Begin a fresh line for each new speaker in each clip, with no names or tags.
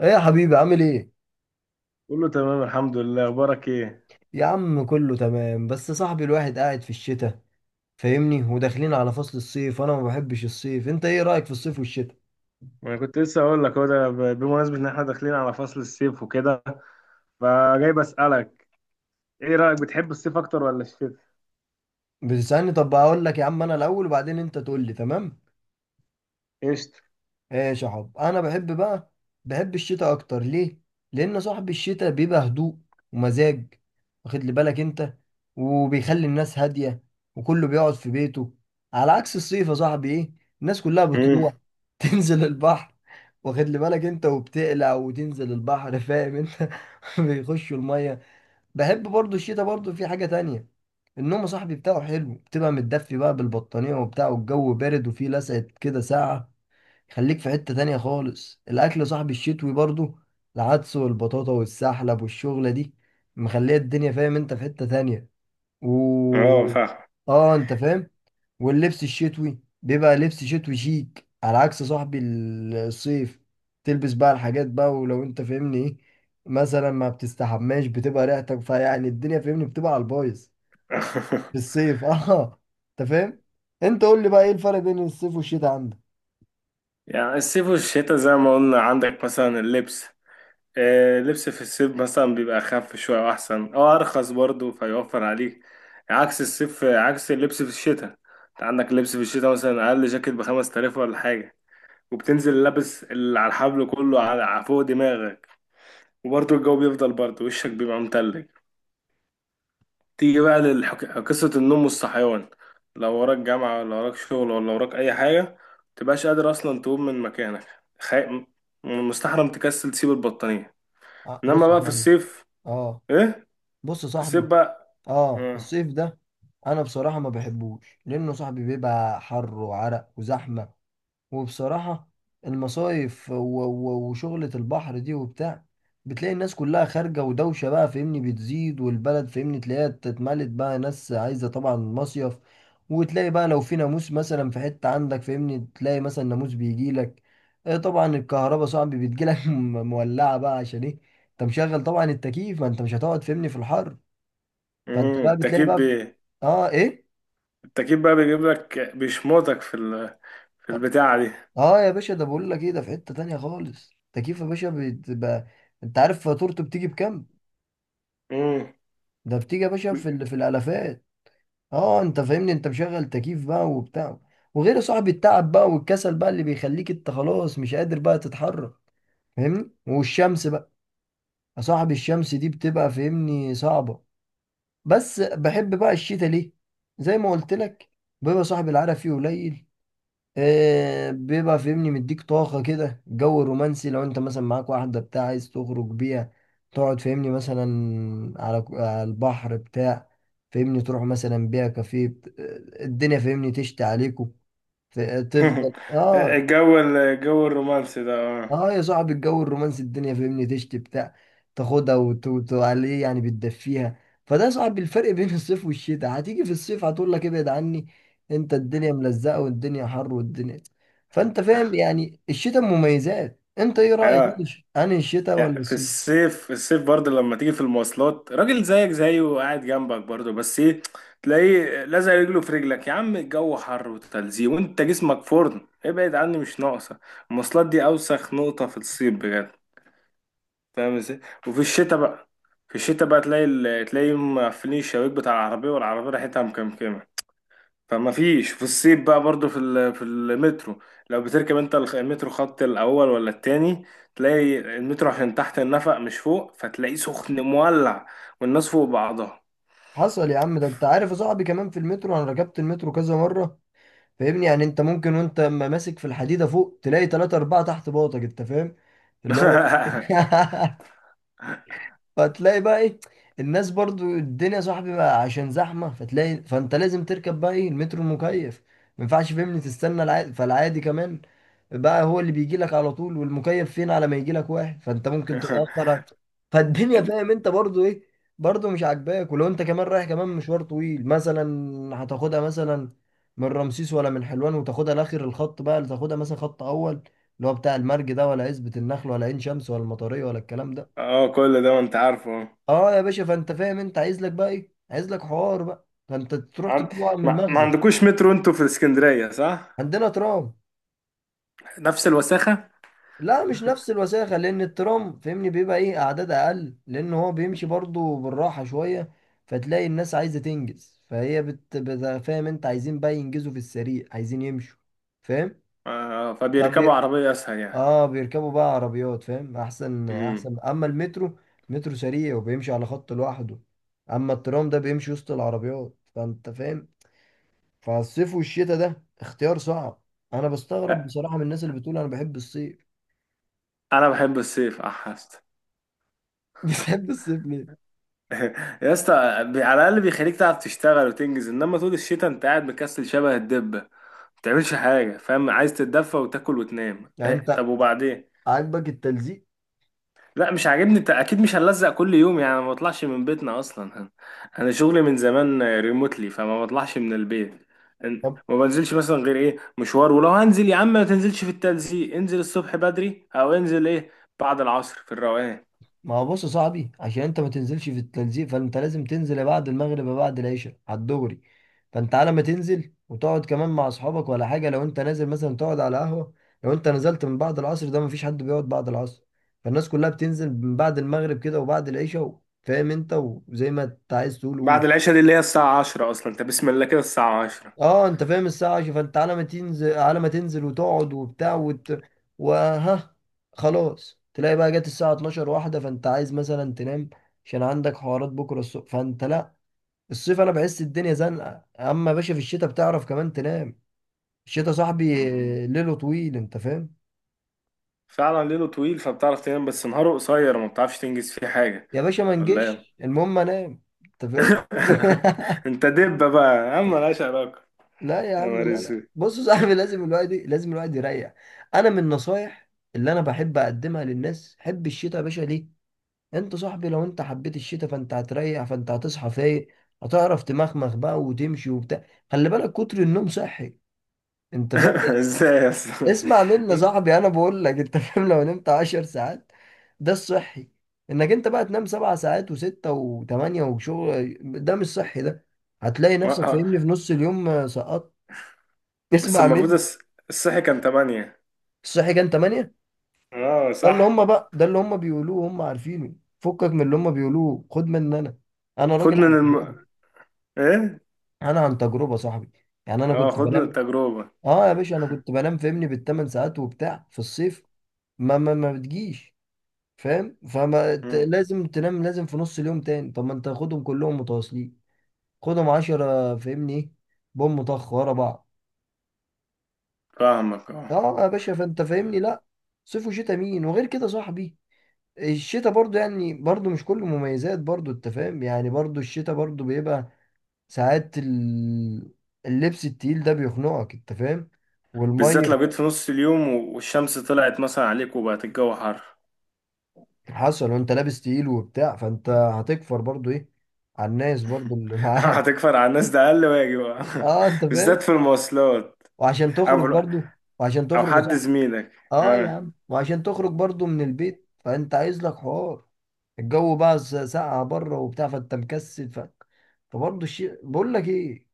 ايه يا حبيبي عامل ايه؟
كله تمام الحمد لله، اخبارك ايه؟
يا عم كله تمام، بس صاحبي الواحد قاعد في الشتاء فاهمني، وداخلين على فصل الصيف وانا ما بحبش الصيف. انت ايه رأيك في الصيف والشتاء؟
انا كنت لسه اقول لك هو ده بمناسبه ان احنا داخلين على فصل الصيف وكده، فجاي بسالك ايه رايك، بتحب الصيف اكتر ولا الشتاء؟
بتسألني؟ طب اقول لك يا عم انا الاول وبعدين انت تقول لي. تمام.
قشطة.
ايش يا حب؟ انا بحب بقى، بحب الشتاء اكتر. ليه؟ لان صاحب الشتاء بيبقى هدوء ومزاج، واخد لي بالك انت، وبيخلي الناس هاديه وكله بيقعد في بيته. على عكس الصيف يا صاحبي، ايه، الناس كلها
امم
بتروح تنزل البحر، واخد لي بالك انت، وبتقلع وتنزل البحر فاهم انت، بيخشوا الميه. بحب برضو الشتاء، برضو في حاجه تانية، النوم يا صاحبي بتاعه حلو، بتبقى متدفي بقى بالبطانيه وبتاع والجو بارد وفيه لسعه كده ساعه. خليك في حتة تانية خالص، الأكل صاحب الشتوي برضو، العدس والبطاطا والسحلب والشغلة دي مخلية الدنيا فاهم انت في حتة تانية.
اه
و
فاهم.
اه انت فاهم. واللبس الشتوي بيبقى لبس شتوي شيك، على عكس صاحب الصيف، تلبس بقى الحاجات بقى، ولو انت فاهمني ايه، مثلا ما بتستحماش، بتبقى ريحتك فيعني الدنيا فاهمني بتبقى على البايظ في الصيف. اه انت فاهم. انت قول لي بقى، ايه الفرق بين الصيف والشتاء عندك؟
يعني الصيف والشتاء زي ما قلنا عندك مثلا اللبس، آه، اللبس في الصيف مثلا بيبقى اخف شويه واحسن او ارخص برضه، فيوفر عليك عكس الصيف، عكس اللبس في الشتاء. انت عندك اللبس في الشتاء مثلا اقل جاكيت بخمس تلاف ولا حاجه، وبتنزل لابس اللي على الحبل كله على فوق دماغك. وبرضه الجو بيفضل برضه وشك بيبقى متلج. تيجي بقى لقصة النوم والصحيان، لو وراك جامعة ولا وراك شغل ولا وراك أي حاجة، متبقاش قادر أصلا تقوم من مكانك. خي... م- مستحرم تكسل تسيب البطانية. إنما
بص يا
بقى في
صاحبي.
الصيف،
اه
إيه؟
بص يا
في الصيف
صاحبي.
بقى.
اه
مم.
الصيف ده انا بصراحه ما بحبوش، لانه صاحبي بيبقى حر وعرق وزحمه. وبصراحه المصايف وشغله البحر دي وبتاع، بتلاقي الناس كلها خارجه ودوشه بقى فاهمني بتزيد، والبلد فاهمني تلاقيها اتملت بقى ناس عايزه طبعا مصيف. وتلاقي بقى لو في ناموس مثلا في حته عندك فاهمني، تلاقي مثلا ناموس بيجي لك. إيه طبعا، الكهرباء صاحبي بتجي لك مولعه بقى، عشان ايه؟ انت مشغل طبعا التكييف، ما انت مش هتقعد فاهمني في الحر. فانت بقى بتلاقي
التكييف
بقى في... اه ايه.
التكييف بقى بيجيب لك، بيشمطك في في البتاعة دي.
اه يا باشا ده بقول لك ايه، ده في حتة تانية خالص، تكييف يا باشا بتبقى، انت عارف فاتورته بتيجي بكام؟
مم.
ده بتيجي يا باشا في ال... في الالافات. اه انت فاهمني، انت مشغل تكييف بقى وبتاع. وغير صاحب التعب بقى والكسل بقى، اللي بيخليك انت خلاص مش قادر بقى تتحرك فاهمني. والشمس بقى، يا صاحب الشمس دي بتبقى فاهمني صعبة. بس بحب بقى الشتاء ليه؟ زي ما قلت لك، بيبقى صاحب العرق فيه قليل، بيبقى فاهمني مديك طاقة كده، جو رومانسي، لو انت مثلا معاك واحدة بتاع عايز تخرج بيها، تقعد فاهمني مثلا على على البحر بتاع، فاهمني تروح مثلا بيها كافيه الدنيا فاهمني تشتي عليكم. تفضل اه.
الجو الرومانسي ده آه.
اه يا صاحبي، الجو الرومانسي، الدنيا فاهمني تشتي بتاع، تاخدها وتعليه يعني، بتدفيها. فده يا صاحبي الفرق بين الصيف والشتاء. هتيجي في الصيف هتقول لك ابعد عني، انت الدنيا ملزقه والدنيا حر والدنيا. فانت
اه
فاهم يعني الشتاء مميزات. انت ايه رايك،
آه.
انا الشتاء
لا،
ولا
في
الصيف؟
الصيف، في الصيف برضه لما تيجي في المواصلات راجل زيك زيه وقاعد جنبك برضه، بس ايه، تلاقيه لازق رجله في رجلك. يا عم الجو حر وتلزيق وانت جسمك فرن، ابعد عني مش ناقصه. المواصلات دي اوسخ نقطه في الصيف بجد، فاهم ازاي؟ وفي الشتاء بقى، في الشتاء بقى تلاقي تلاقي مقفلين الشبابيك بتاع العربيه، والعربيه ريحتها مكمكمه، فما فيش. في الصيف بقى برضو في في المترو، لو بتركب انت المترو خط الاول ولا التاني، تلاقي المترو عشان تحت النفق مش فوق، فتلاقيه سخن مولع والناس فوق بعضها.
حصل يا عم. ده انت عارف يا صاحبي، كمان في المترو، انا ركبت المترو كذا مره فاهمني، يعني انت ممكن وانت ما ماسك في الحديده فوق، تلاقي ثلاثة أربعة تحت باطك انت فاهم، اللي هو فتلاقي بقى ايه، الناس برضو، الدنيا صاحبي بقى عشان زحمة، فتلاقي فانت لازم تركب بقى ايه، المترو المكيف، ما ينفعش فهمني تستنى العادي، فالعادي كمان بقى هو اللي بيجي لك على طول، والمكيف فين، على ما يجي لك واحد فانت ممكن تتأخر فالدنيا
ال-
فاهم انت برضو ايه، برضو مش عاجباك. ولو انت كمان رايح كمان مشوار طويل مثلا، هتاخدها مثلا من رمسيس ولا من حلوان، وتاخدها لاخر الخط بقى، اللي تاخدها مثلا خط اول، اللي هو بتاع المرج ده، ولا عزبة النخل، ولا عين شمس، ولا المطرية، ولا الكلام ده.
اه كل ده وانت عارفه.
اه يا باشا، فانت فاهم انت عايز لك بقى ايه، عايز لك حوار بقى، فانت تروح
عن-
تجيب ورق من
ما
المخزن.
عندكوش مترو انتوا في اسكندرية، صح؟
عندنا ترام.
نفس الوساخة.
لا مش نفس الوساخه، لان الترام فاهمني بيبقى ايه، اعداد اقل، لان هو بيمشي برضو بالراحه شويه، فتلاقي الناس عايزه تنجز، فهي بت... بت... فاهم انت عايزين بقى ينجزوا في السريع، عايزين يمشوا فاهم.
آه،
فبي...
فبيركبوا عربية اسهل يعني.
اه بيركبوا بقى عربيات فاهم، احسن
امم
احسن. اما المترو، مترو سريع وبيمشي على خط لوحده، اما الترام ده بيمشي وسط العربيات فانت فاهم. فالصيف والشتاء ده اختيار صعب. انا بستغرب
لا،
بصراحة من الناس اللي بتقول انا بحب الصيف.
انا بحب الصيف، احس
بتحب الصيف ليه؟
يا اسطى على الاقل بيخليك تعرف تشتغل وتنجز، انما طول الشتاء انت قاعد مكسل شبه الدبه، ما بتعملش حاجه، فاهم؟ عايز تتدفى وتاكل وتنام.
يعني
إيه،
انت
طب وبعدين؟
عاجبك التلزيق؟
لا مش عاجبني، انت اكيد مش هنلزق كل يوم، يعني ما بطلعش من بيتنا اصلا. انا شغلي من زمان ريموتلي، فما بطلعش من البيت.
طب
ما بنزلش مثلا غير ايه، مشوار، ولو هنزل يا عم ما تنزلش في التلزيق، انزل الصبح بدري او انزل ايه بعد العصر في الروقان.
ما هو بص يا صاحبي، عشان انت ما تنزلش في التلزيق، فانت لازم تنزل بعد المغرب يا بعد العشاء على الدغري، فانت على ما تنزل وتقعد كمان مع اصحابك ولا حاجة، لو انت نازل مثلا تقعد على قهوة. لو انت نزلت من بعد العصر، ده مفيش حد بيقعد بعد العصر، فالناس كلها بتنزل من بعد المغرب كده وبعد العشاء فاهم انت، وزي ما انت عايز تقول قول.
بعد العشاء دي اللي هي الساعه 10 اصلا، انت بسم الله كده الساعه
اه انت فاهم، الساعة عشرة، فانت على ما تنزل، على ما تنزل وتقعد وبتاع وت... وها، خلاص تلاقي بقى جت الساعة 12 واحدة، فانت عايز مثلا تنام، عشان عندك حوارات بكرة الصبح، فانت لا. الصيف انا بحس الدنيا زنقة، اما يا باشا في الشتاء بتعرف كمان تنام، الشتاء صاحبي
10.
ليله طويل انت فاهم.
فعلا ليله طويل فبتعرف تنام، بس نهاره قصير ما بتعرفش تنجز فيه حاجة.
يا باشا ما
ولا ايه؟
نجيش، المهم انام انت فاهم.
انت دبة بقى، اما ملهاش علاقة.
لا يا
يا
عم،
نهار
لا لا،
اسود.
بص يا صاحبي، لازم الواحد، لازم الواحد يريح. انا من النصايح اللي انا بحب اقدمها للناس، حب الشتاء يا باشا. ليه؟ انت صاحبي لو انت حبيت الشتاء، فانت هتريح، فانت هتصحى فايق، هتعرف تمخمخ بقى وتمشي وبتاع. خلي بالك، كتر النوم صحي، انت فاهم يعني.
ازاي يا اسطى؟
اسمع مني يا صاحبي، انا بقول لك انت فاهم، لو نمت عشر ساعات، ده الصحي. انك انت بقى تنام سبع ساعات وستة وثمانية وشغل، ده مش صحي ده، هتلاقي نفسك
آه،
فاهمني في نص اليوم سقطت.
بس
اسمع
المفروض
مني.
الصحي كان تمانية.
الصحي كان ثمانية.
اه
ده اللي
صح.
هم بقى، ده اللي هم بيقولوه هم عارفينه، فكك من اللي هم بيقولوه، خد مني انا، انا راجل
خد من
عن تجربة.
ايه،
انا عن تجربه صاحبي، يعني انا
اه،
كنت
خد من
بنام.
التجربة.
اه يا باشا انا كنت بنام فاهمني بالثمان ساعات وبتاع في الصيف، ما ما بتجيش فاهم،
مم.
لازم تنام، لازم في نص اليوم تاني. طب ما انت خدهم كلهم متواصلين، خدهم عشرة فاهمني، ايه، بوم طخ ورا بعض.
فاهمك اه.
اه يا باشا، فانت فاهمني لا، صيف وشتاء مين. وغير كده صاحبي، الشتاء برضو يعني، برضو مش كله مميزات، برضو انت فاهم يعني، برضو الشتاء برضو بيبقى ساعات اللبس التقيل ده بيخنقك انت فاهم،
بالذات لو
والميه.
جيت في نص اليوم والشمس طلعت مثلا عليك وبقت الجو حر.
حصل، وانت لابس تقيل وبتاع، فانت هتكفر برضو ايه على الناس برضو اللي معاك.
هتكفر على الناس ده اقل واجب.
اه انت فاهم.
بالذات في المواصلات.
وعشان تخرج
أو
برضو. وعشان
او
تخرج،
حد
صح،
زميلك.
اه يا
اه،
عم، وعشان تخرج برضو من البيت، فانت عايز لك حوار، الجو بقى ساقعة بره وبتاع، فانت مكسل ف... فبرضو الشيء بقول لك ايه،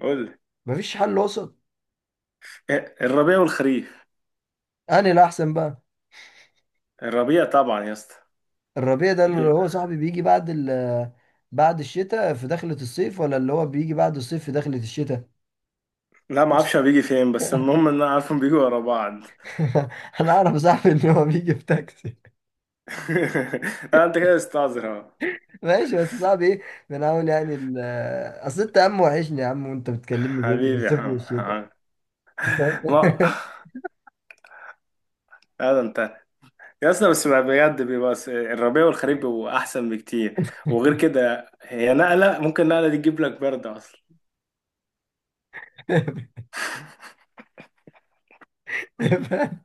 قول لي.
مفيش حل وسط.
إيه، الربيع والخريف
انا الاحسن بقى،
الربيع طبعا يا اسطى.
الربيع ده اللي
بي...
هو صاحبي بيجي بعد ال، بعد الشتاء في دخلة الصيف، ولا اللي هو بيجي بعد الصيف في دخلة الشتاء.
لا ما اعرفش هو بيجي فين، بس المهم ان انا عارفهم بيجوا ورا بعض.
انا اعرف صاحبي ان هو بيجي بتاكسي.
لا انت كده استعذر اهو.
ماشي، بس صاحبي ايه، بنحاول يعني اصل انت يا عم وحشني يا عم، وانت بتكلمني بين
حبيبي يا
الصيف
عم
والشتاء.
عم. ما هذا انت. يا اسطى بس بجد بيبقى الربيع والخريف بيبقوا احسن بكتير، وغير كده هي نقله، ممكن نقله دي تجيب لك برد اصلا.
فعلا،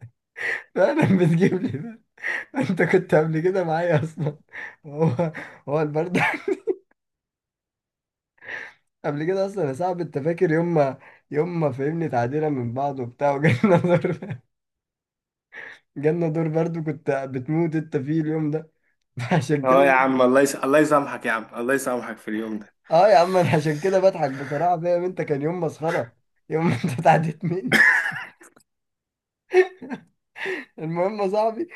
فعلا بتجيب لي ده، انت كنت قبل كده معايا اصلا، هو، هو البرد. قبل كده اصلا يا صاحبي، انت فاكر يوم ما، يوم ما فهمني تعديلة من بعض وبتاع، وجالنا دور، جالنا دور برد، كنت بتموت انت فيه اليوم ده. عشان كده
اه يا عم الله الله يسامحك يا عم، الله يسامحك في اليوم ده.
اه يا عم، انا عشان كده بضحك بصراحه، فاهم انت، كان يوم مسخره، يوم ما انت اتعديت مني. المهم يا صاحبي،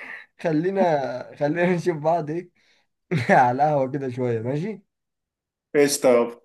خلينا، خلينا نشوف بعض، ايه على القهوه كده شويه، ماشي؟
ايش طب.